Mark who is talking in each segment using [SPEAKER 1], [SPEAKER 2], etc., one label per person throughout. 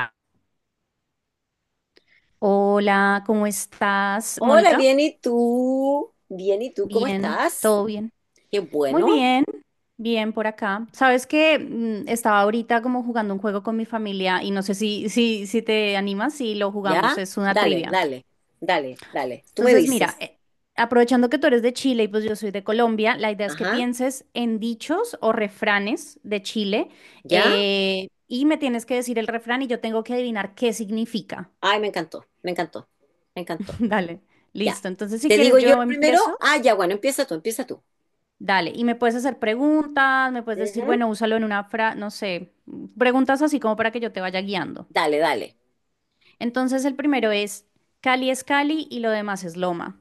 [SPEAKER 1] Va. Hola, ¿cómo estás,
[SPEAKER 2] Hola,
[SPEAKER 1] Mónica?
[SPEAKER 2] bien, ¿y tú? Bien, ¿y tú? ¿Cómo
[SPEAKER 1] Bien,
[SPEAKER 2] estás?
[SPEAKER 1] todo bien.
[SPEAKER 2] Qué
[SPEAKER 1] Muy
[SPEAKER 2] bueno.
[SPEAKER 1] bien, bien por acá. Sabes que estaba ahorita como jugando un juego con mi familia y no sé si te animas si lo jugamos,
[SPEAKER 2] ¿Ya?
[SPEAKER 1] es una
[SPEAKER 2] Dale,
[SPEAKER 1] trivia.
[SPEAKER 2] dale, dale, dale. Tú me
[SPEAKER 1] Entonces, mira,
[SPEAKER 2] dices,
[SPEAKER 1] aprovechando que tú eres de Chile y pues yo soy de Colombia, la idea es que
[SPEAKER 2] ajá,
[SPEAKER 1] pienses en dichos o refranes de Chile
[SPEAKER 2] ¿ya?
[SPEAKER 1] y me tienes que decir el refrán y yo tengo que adivinar qué significa.
[SPEAKER 2] Ay, me encantó, me encantó, me encantó.
[SPEAKER 1] Dale,
[SPEAKER 2] Ya.
[SPEAKER 1] listo. Entonces, si
[SPEAKER 2] ¿Te digo
[SPEAKER 1] quieres,
[SPEAKER 2] yo
[SPEAKER 1] yo
[SPEAKER 2] el primero?
[SPEAKER 1] empiezo.
[SPEAKER 2] Ah, ya, bueno, empieza tú, empieza tú.
[SPEAKER 1] Dale, y me puedes hacer preguntas, me puedes decir,
[SPEAKER 2] Ujú.
[SPEAKER 1] bueno, úsalo en una frase, no sé, preguntas así como para que yo te vaya guiando.
[SPEAKER 2] Dale, dale.
[SPEAKER 1] Entonces, el primero es Cali y lo demás es Loma.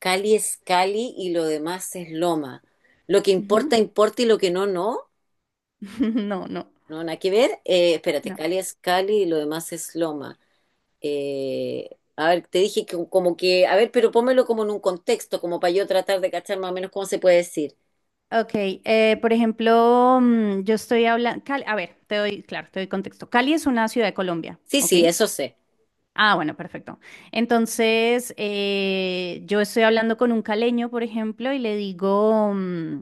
[SPEAKER 2] Cali es Cali y lo demás es Loma. Lo que
[SPEAKER 1] Ujú.
[SPEAKER 2] importa, importa y lo que no, no.
[SPEAKER 1] No, no,
[SPEAKER 2] No, nada que ver. Espérate,
[SPEAKER 1] no.
[SPEAKER 2] Cali es Cali y lo demás es Loma. Eh, a ver, te dije que como que, a ver, pero pónmelo como en un contexto, como para yo tratar de cachar más o menos cómo se puede decir.
[SPEAKER 1] Ok, por ejemplo, yo estoy hablando, a ver, te doy, claro, te doy contexto. Cali es una ciudad de Colombia,
[SPEAKER 2] Sí,
[SPEAKER 1] ¿ok?
[SPEAKER 2] sí, eso sé.
[SPEAKER 1] Ah, bueno, perfecto. Entonces, yo estoy hablando con un caleño, por ejemplo, y le digo...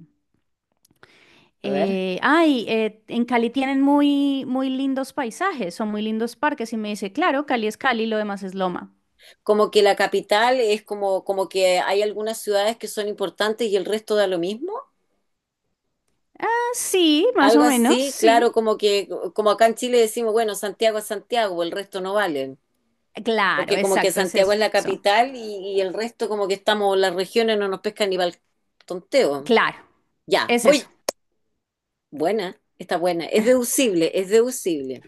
[SPEAKER 2] A ver,
[SPEAKER 1] En Cali tienen muy, muy lindos paisajes, son muy lindos parques. Y me dice, claro, Cali es Cali, lo demás es Loma.
[SPEAKER 2] como que la capital es como, como que hay algunas ciudades que son importantes y el resto da lo mismo.
[SPEAKER 1] Ah, sí, más o
[SPEAKER 2] Algo
[SPEAKER 1] menos,
[SPEAKER 2] así, claro,
[SPEAKER 1] sí.
[SPEAKER 2] como que, como acá en Chile decimos, bueno, Santiago es Santiago, el resto no valen.
[SPEAKER 1] Claro,
[SPEAKER 2] Porque como que
[SPEAKER 1] exacto, es
[SPEAKER 2] Santiago es
[SPEAKER 1] eso.
[SPEAKER 2] la capital y el resto como que estamos, las regiones no nos pescan ni para el tonteo.
[SPEAKER 1] Claro,
[SPEAKER 2] Ya,
[SPEAKER 1] es
[SPEAKER 2] voy.
[SPEAKER 1] eso.
[SPEAKER 2] Buena, está buena. Es deducible, es deducible.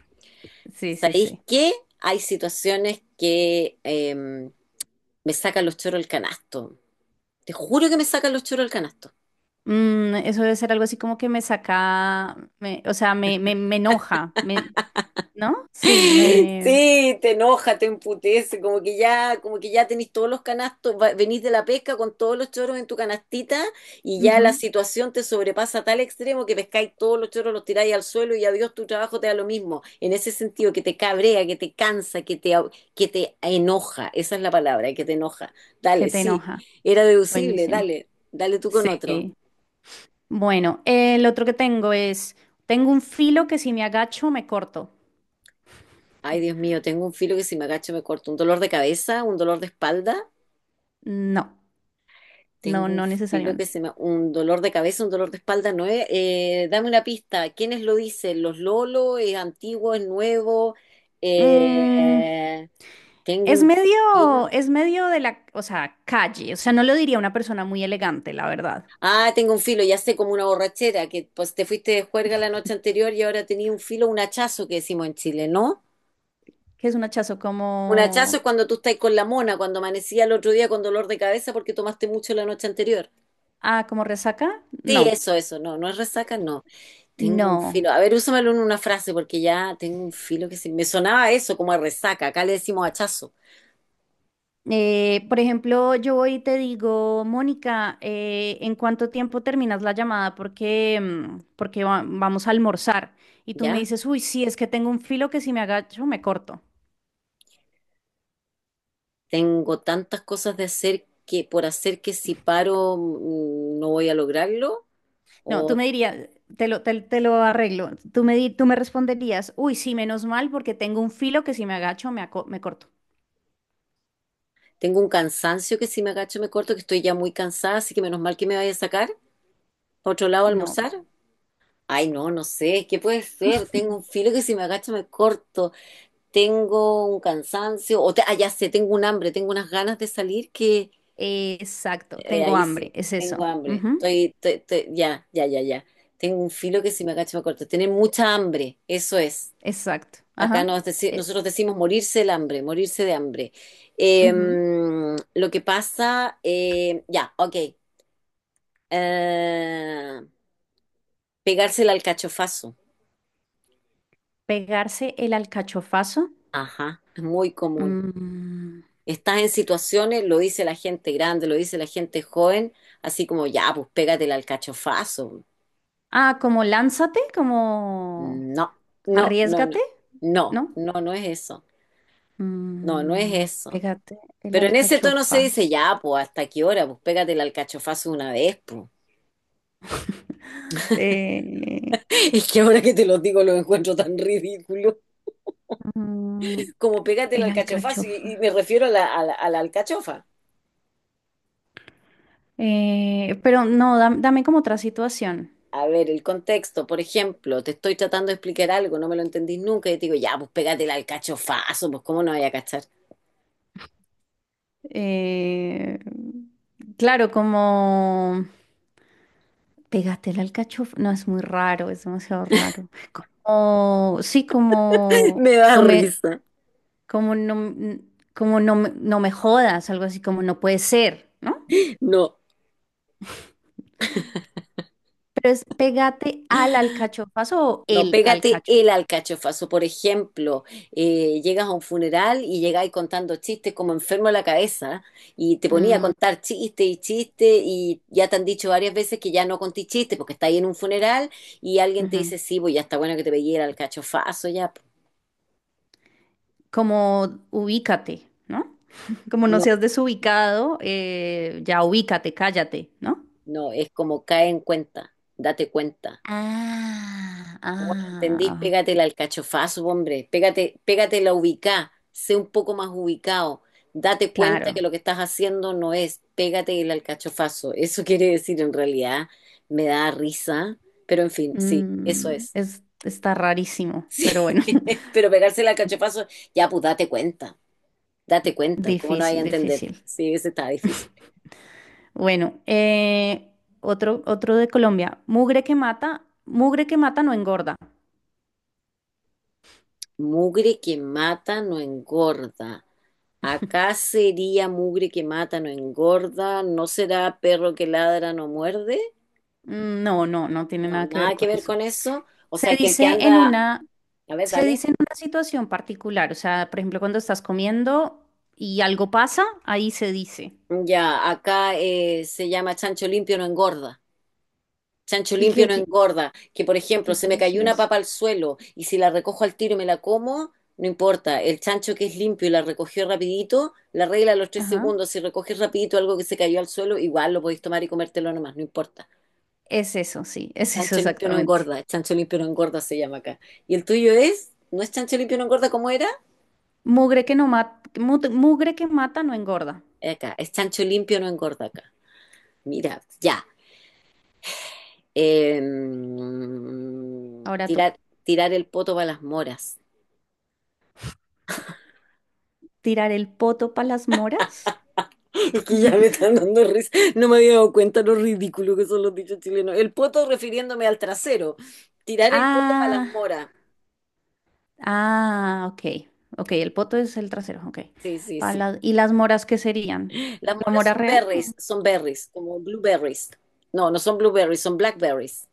[SPEAKER 1] Sí, sí,
[SPEAKER 2] ¿Sabéis
[SPEAKER 1] sí.
[SPEAKER 2] qué? Hay situaciones que me sacan los choros el canasto. Te juro que me sacan los choros el canasto.
[SPEAKER 1] Mm, eso debe ser algo así como que me saca, o sea, me enoja, ¿no? Sí, me...
[SPEAKER 2] Sí, te enoja, te emputece, como que ya tenés todos los canastos, venís de la pesca con todos los choros en tu canastita y ya la
[SPEAKER 1] ujú,
[SPEAKER 2] situación te sobrepasa a tal extremo que pescáis todos los choros, los tiráis al suelo y adiós, tu trabajo te da lo mismo. En ese sentido, que te cabrea, que te cansa, que te, que te enoja, esa es la palabra, que te enoja.
[SPEAKER 1] que
[SPEAKER 2] Dale,
[SPEAKER 1] te
[SPEAKER 2] sí,
[SPEAKER 1] enoja.
[SPEAKER 2] era deducible,
[SPEAKER 1] Buenísimo.
[SPEAKER 2] dale, dale tú con
[SPEAKER 1] Sí.
[SPEAKER 2] otro.
[SPEAKER 1] Bueno, el otro que tengo es, tengo un filo que si me agacho me corto.
[SPEAKER 2] Ay, Dios mío, tengo un filo que si me agacho me corto, un dolor de cabeza, un dolor de espalda.
[SPEAKER 1] No, no,
[SPEAKER 2] Tengo un
[SPEAKER 1] no
[SPEAKER 2] filo que
[SPEAKER 1] necesariamente.
[SPEAKER 2] se me... un dolor de cabeza, un dolor de espalda, no es... dame una pista, ¿quiénes lo dicen? ¿Los Lolo? ¿Es antiguo? ¿Es nuevo?
[SPEAKER 1] Mm,
[SPEAKER 2] Eh, Tengo un filo...
[SPEAKER 1] es medio de la, o sea, calle. O sea, no lo diría una persona muy elegante, la verdad.
[SPEAKER 2] Ah, tengo un filo, ya sé, como una borrachera, que pues te fuiste de juerga la noche anterior y ahora tenía un filo, un hachazo que decimos en Chile, ¿no?
[SPEAKER 1] ¿Qué es un hachazo
[SPEAKER 2] Un hachazo es
[SPEAKER 1] como,
[SPEAKER 2] cuando tú estás con la mona, cuando amanecía el otro día con dolor de cabeza porque tomaste mucho la noche anterior.
[SPEAKER 1] ah, como resaca?
[SPEAKER 2] Sí,
[SPEAKER 1] No,
[SPEAKER 2] eso, no, no es resaca, no. Tengo un
[SPEAKER 1] no.
[SPEAKER 2] filo. A ver, úsamelo en una frase porque ya tengo un filo que se... Me sonaba eso como a resaca. Acá le decimos hachazo.
[SPEAKER 1] Por ejemplo, yo voy y te digo, Mónica, ¿en cuánto tiempo terminas la llamada? Porque, porque vamos a almorzar. Y tú me
[SPEAKER 2] ¿Ya?
[SPEAKER 1] dices, uy, sí, es que tengo un filo que si me agacho me corto.
[SPEAKER 2] Tengo tantas cosas de hacer que por hacer que si paro no voy a lograrlo.
[SPEAKER 1] No, tú
[SPEAKER 2] O
[SPEAKER 1] me dirías, te lo arreglo. Tú me responderías, uy, sí, menos mal, porque tengo un filo que si me agacho me, me corto.
[SPEAKER 2] tengo un cansancio que si me agacho me corto, que estoy ya muy cansada, así que menos mal que me vaya a sacar. ¿Para otro lado a
[SPEAKER 1] No.
[SPEAKER 2] almorzar? Ay, no, no sé. ¿Qué puede ser? Tengo un filo que si me agacho me corto. Tengo un cansancio. Ah, ya sé, tengo un hambre, tengo unas ganas de salir que
[SPEAKER 1] Exacto, tengo
[SPEAKER 2] ahí
[SPEAKER 1] hambre,
[SPEAKER 2] sí,
[SPEAKER 1] es
[SPEAKER 2] tengo
[SPEAKER 1] eso.
[SPEAKER 2] hambre.
[SPEAKER 1] Ujú,
[SPEAKER 2] Ya, ya, ya, ya. Tengo un filo que si me agacho me corto. Tener mucha hambre, eso es.
[SPEAKER 1] exacto,
[SPEAKER 2] Acá
[SPEAKER 1] ajá. eh,
[SPEAKER 2] nosotros decimos morirse el hambre, morirse de hambre. Eh,
[SPEAKER 1] ujú.
[SPEAKER 2] lo que pasa, ya, ok. Eh, pegarse el alcachofazo.
[SPEAKER 1] Pegarse el alcachofazo.
[SPEAKER 2] Ajá, es muy común.
[SPEAKER 1] Mm,
[SPEAKER 2] Estás en situaciones, lo dice la gente grande, lo dice la gente joven, así como ya, pues pégate el alcachofazo.
[SPEAKER 1] ah, como lánzate, como
[SPEAKER 2] No, no, no, no,
[SPEAKER 1] arriesgate,
[SPEAKER 2] no,
[SPEAKER 1] ¿no?
[SPEAKER 2] no, no es eso, no, no es
[SPEAKER 1] Mm,
[SPEAKER 2] eso.
[SPEAKER 1] pégate el
[SPEAKER 2] Pero en ese tono se dice,
[SPEAKER 1] alcachofazo.
[SPEAKER 2] ya, pues, ¿hasta qué hora? Pues pégate el alcachofazo una vez, pues.
[SPEAKER 1] Eh,
[SPEAKER 2] Es que ahora que te lo digo lo encuentro tan ridículo.
[SPEAKER 1] Mm,
[SPEAKER 2] Como pégate el
[SPEAKER 1] el
[SPEAKER 2] alcachofazo y
[SPEAKER 1] alcachofa.
[SPEAKER 2] me refiero a la, a la alcachofa.
[SPEAKER 1] Pero no, dame como otra situación.
[SPEAKER 2] A ver, el contexto, por ejemplo, te estoy tratando de explicar algo, no me lo entendís nunca y te digo, ya, pues pégate el alcachofazo, pues, ¿cómo no voy a cachar?
[SPEAKER 1] Eh, claro, como pégate el alcachofa. No, es muy raro, es demasiado raro. O sí,
[SPEAKER 2] Me da
[SPEAKER 1] no me,
[SPEAKER 2] risa.
[SPEAKER 1] como no, como no, no me jodas, algo así como no puede ser, ¿no?
[SPEAKER 2] No.
[SPEAKER 1] Pero es pégate al alcachofazo o
[SPEAKER 2] No,
[SPEAKER 1] el
[SPEAKER 2] pégate
[SPEAKER 1] alcachofa.
[SPEAKER 2] el alcachofazo. Por ejemplo, llegas a un funeral y llegáis contando chistes como enfermo de la cabeza y te ponía a
[SPEAKER 1] Mm,
[SPEAKER 2] contar chistes y chistes y ya te han dicho varias veces que ya no contí chistes porque estáis en un funeral y alguien te
[SPEAKER 1] ujú.
[SPEAKER 2] dice, sí, pues ya está bueno que te pegué el alcachofazo ya.
[SPEAKER 1] Como ubícate, ¿no? Como no
[SPEAKER 2] No,
[SPEAKER 1] seas desubicado, ya ubícate, cállate, ¿no?
[SPEAKER 2] no, es como cae en cuenta, date cuenta.
[SPEAKER 1] Ah,
[SPEAKER 2] ¿Cómo no entendís?
[SPEAKER 1] ah,
[SPEAKER 2] Pégate el alcachofazo, hombre. Pégate, pégate la ubicá. Sé un poco más ubicado. Date cuenta
[SPEAKER 1] claro.
[SPEAKER 2] que lo que estás haciendo no es pégate el alcachofazo. Eso quiere decir en realidad, me da risa, pero en fin, sí, eso
[SPEAKER 1] Mm,
[SPEAKER 2] es.
[SPEAKER 1] es, está rarísimo,
[SPEAKER 2] Sí,
[SPEAKER 1] pero bueno,
[SPEAKER 2] pero pegarse el alcachofazo, ya pues date cuenta, ¿cómo no hay a
[SPEAKER 1] difícil,
[SPEAKER 2] entender?
[SPEAKER 1] difícil.
[SPEAKER 2] Sí, ese está difícil.
[SPEAKER 1] Bueno, otro, otro de Colombia. Mugre que mata no engorda.
[SPEAKER 2] Mugre que mata no engorda. Acá sería mugre que mata no engorda. ¿No será perro que ladra no muerde?
[SPEAKER 1] Mm, no, no, no tiene
[SPEAKER 2] No,
[SPEAKER 1] nada que ver
[SPEAKER 2] nada que
[SPEAKER 1] con
[SPEAKER 2] ver
[SPEAKER 1] eso.
[SPEAKER 2] con eso. O
[SPEAKER 1] Se
[SPEAKER 2] sea, que el que
[SPEAKER 1] dice en
[SPEAKER 2] anda...
[SPEAKER 1] una,
[SPEAKER 2] A ver,
[SPEAKER 1] se
[SPEAKER 2] dale.
[SPEAKER 1] dice en una situación particular, o sea, por ejemplo, cuando estás comiendo y algo pasa, ahí se dice.
[SPEAKER 2] Ya, acá se llama chancho limpio no engorda. Chancho
[SPEAKER 1] ¿Y
[SPEAKER 2] limpio
[SPEAKER 1] qué,
[SPEAKER 2] no engorda. Que, por
[SPEAKER 1] y
[SPEAKER 2] ejemplo,
[SPEAKER 1] qué
[SPEAKER 2] se me
[SPEAKER 1] quiere
[SPEAKER 2] cayó
[SPEAKER 1] decir
[SPEAKER 2] una
[SPEAKER 1] eso?
[SPEAKER 2] papa al suelo y si la recojo al tiro y me la como, no importa. El chancho que es limpio y la recogió rapidito, la regla a los tres
[SPEAKER 1] Ajá.
[SPEAKER 2] segundos. Si recoges rapidito algo que se cayó al suelo, igual lo podéis tomar y comértelo nomás, no importa.
[SPEAKER 1] Es eso, sí, es eso
[SPEAKER 2] Chancho limpio no
[SPEAKER 1] exactamente.
[SPEAKER 2] engorda. Chancho limpio no engorda se llama acá. ¿Y el tuyo es? ¿No es chancho limpio no engorda como era?
[SPEAKER 1] Mugre que no mata, mugre que mata no engorda.
[SPEAKER 2] Acá. Es chancho limpio no engorda acá. Mira, ya. Eh,
[SPEAKER 1] Ahora tú.
[SPEAKER 2] tirar, tirar el poto para las moras.
[SPEAKER 1] ¿Tirar el poto para las moras?
[SPEAKER 2] Es que ya me están dando risa. No me había dado cuenta lo ridículo que son los dichos chilenos. El poto refiriéndome al trasero. Tirar el poto para las
[SPEAKER 1] Ah,
[SPEAKER 2] moras.
[SPEAKER 1] ah, ok. Ok, el poto es el trasero, ok.
[SPEAKER 2] Sí, sí, sí.
[SPEAKER 1] ¿Y las moras qué serían?
[SPEAKER 2] Las
[SPEAKER 1] ¿La
[SPEAKER 2] moras
[SPEAKER 1] mora real? O,
[SPEAKER 2] son berries, como blueberries. No, no son blueberries, son blackberries.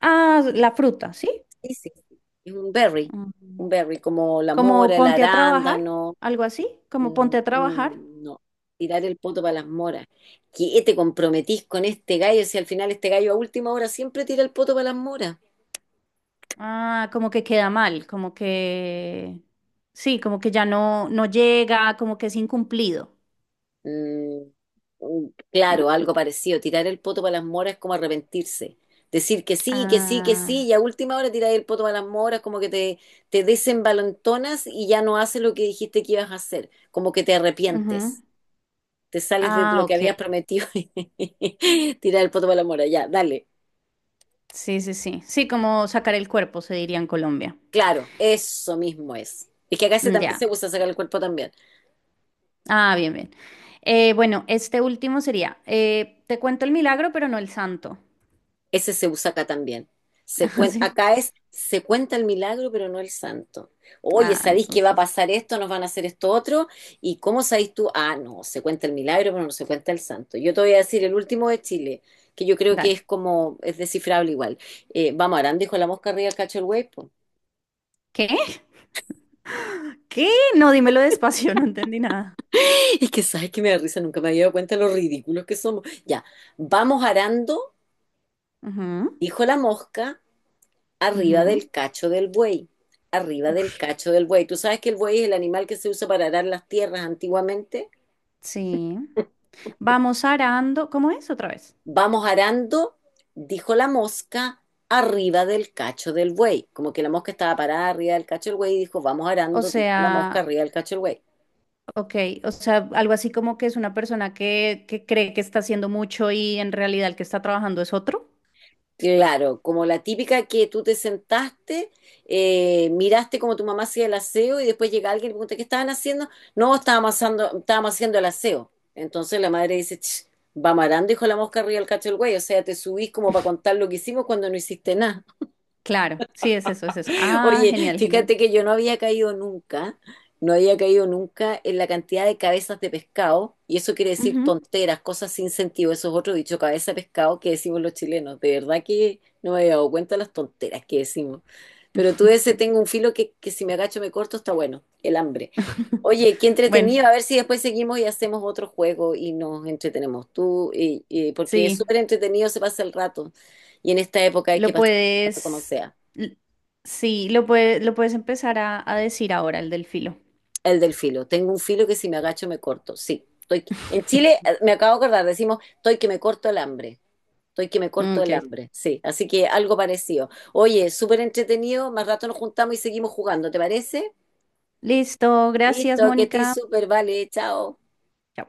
[SPEAKER 1] ah, la fruta, ¿sí?
[SPEAKER 2] Sí, sí, sí. Es un berry. Un
[SPEAKER 1] Mm.
[SPEAKER 2] berry, como la
[SPEAKER 1] Como
[SPEAKER 2] mora, el
[SPEAKER 1] ponte a trabajar,
[SPEAKER 2] arándano.
[SPEAKER 1] algo así, como
[SPEAKER 2] Mm,
[SPEAKER 1] ponte a trabajar.
[SPEAKER 2] mm, no. Tirar el poto para las moras. ¿Qué te comprometís con este gallo si al final este gallo a última hora siempre tira el poto para las moras?
[SPEAKER 1] Ah, como que queda mal, como que sí, como que ya no, no llega, como que es incumplido,
[SPEAKER 2] Mm, mm, claro,
[SPEAKER 1] ¿no?
[SPEAKER 2] algo parecido. Tirar el poto para las moras es como arrepentirse. Decir que sí, que sí, que sí,
[SPEAKER 1] Ah,
[SPEAKER 2] y a última hora tirar el poto para las moras, como que te desembalentonas y ya no haces lo que dijiste que ibas a hacer, como que te
[SPEAKER 1] ujú.
[SPEAKER 2] arrepientes, te sales de
[SPEAKER 1] Ah,
[SPEAKER 2] lo que habías
[SPEAKER 1] ok.
[SPEAKER 2] prometido y tirar el poto para las moras. Ya, dale,
[SPEAKER 1] Sí, sí, sí. Sí, como sacar el cuerpo, se diría en Colombia.
[SPEAKER 2] claro, eso mismo es. Es que acá se
[SPEAKER 1] Mm,
[SPEAKER 2] también
[SPEAKER 1] ya.
[SPEAKER 2] se usa sacar el cuerpo también.
[SPEAKER 1] Ah, bien, bien. Bueno, este último sería, te cuento el milagro, pero no el santo.
[SPEAKER 2] Ese se usa acá también.
[SPEAKER 1] Así.
[SPEAKER 2] Acá es, se cuenta el milagro, pero no el santo. Oye,
[SPEAKER 1] Ah,
[SPEAKER 2] ¿sabéis que va a
[SPEAKER 1] entonces,
[SPEAKER 2] pasar esto? ¿Nos van a hacer esto otro? ¿Y cómo sabéis tú? Ah, no, se cuenta el milagro, pero no se cuenta el santo. Yo te voy a decir el último de Chile, que yo creo que
[SPEAKER 1] dale.
[SPEAKER 2] es como, es descifrable igual. Vamos, Arán dijo la mosca arriba, el cacho el güey, po.
[SPEAKER 1] ¿Qué? ¿Qué? No, dímelo despacio, no entendí nada.
[SPEAKER 2] Es que sabes que me da risa, nunca me había dado cuenta de lo ridículos que somos. Ya, vamos arando,
[SPEAKER 1] Ujú,
[SPEAKER 2] dijo la mosca, arriba
[SPEAKER 1] ujú.
[SPEAKER 2] del cacho del buey, arriba del
[SPEAKER 1] Uf,
[SPEAKER 2] cacho del buey. Tú sabes que el buey es el animal que se usa para arar las tierras antiguamente.
[SPEAKER 1] sí. Vamos arando. ¿Cómo es otra vez?
[SPEAKER 2] Vamos arando, dijo la mosca, arriba del cacho del buey. Como que la mosca estaba parada arriba del cacho del buey y dijo, vamos
[SPEAKER 1] O
[SPEAKER 2] arando, dijo la mosca
[SPEAKER 1] sea,
[SPEAKER 2] arriba del cacho del buey.
[SPEAKER 1] ok, o sea, algo así como que es una persona que cree que está haciendo mucho y en realidad el que está trabajando es otro.
[SPEAKER 2] Claro, como la típica que tú te sentaste, miraste como tu mamá hacía el aseo y después llega alguien y pregunta, ¿qué estaban haciendo? No, estábamos haciendo el aseo. Entonces la madre dice, "Ch, va marando, hijo la mosca arriba del cacho del güey". O sea, te subís como para contar lo que hicimos cuando no hiciste nada.
[SPEAKER 1] Claro, sí, es eso, es eso. Ah,
[SPEAKER 2] Oye,
[SPEAKER 1] genial, genial.
[SPEAKER 2] fíjate que yo no había caído nunca, no había caído nunca en la cantidad de cabezas de pescado, y eso quiere decir
[SPEAKER 1] Ujú.
[SPEAKER 2] tonteras, cosas sin sentido, eso es otro dicho, cabeza de pescado que decimos los chilenos. De verdad que no me había dado cuenta de las tonteras que decimos. Pero tú ese tengo un filo que si me agacho me corto, está bueno, el hambre. Oye, qué
[SPEAKER 1] Bueno,
[SPEAKER 2] entretenido, a ver si después seguimos y hacemos otro juego y nos entretenemos tú, porque es
[SPEAKER 1] sí,
[SPEAKER 2] súper entretenido, se pasa el rato, y en esta época hay que
[SPEAKER 1] lo
[SPEAKER 2] pasar el rato como
[SPEAKER 1] puedes,
[SPEAKER 2] sea.
[SPEAKER 1] l- sí, lo puedes empezar a decir ahora, el del filo.
[SPEAKER 2] El del filo. Tengo un filo que si me agacho me corto. Sí. Estoy... En Chile, me acabo de acordar, decimos, estoy que me corto el hambre. Estoy que me corto el
[SPEAKER 1] Ok.
[SPEAKER 2] hambre. Sí. Así que algo parecido. Oye, súper entretenido. Más rato nos juntamos y seguimos jugando. ¿Te parece?
[SPEAKER 1] Listo, gracias,
[SPEAKER 2] Listo, que estés
[SPEAKER 1] Mónica.
[SPEAKER 2] súper. Vale, chao.
[SPEAKER 1] Chao.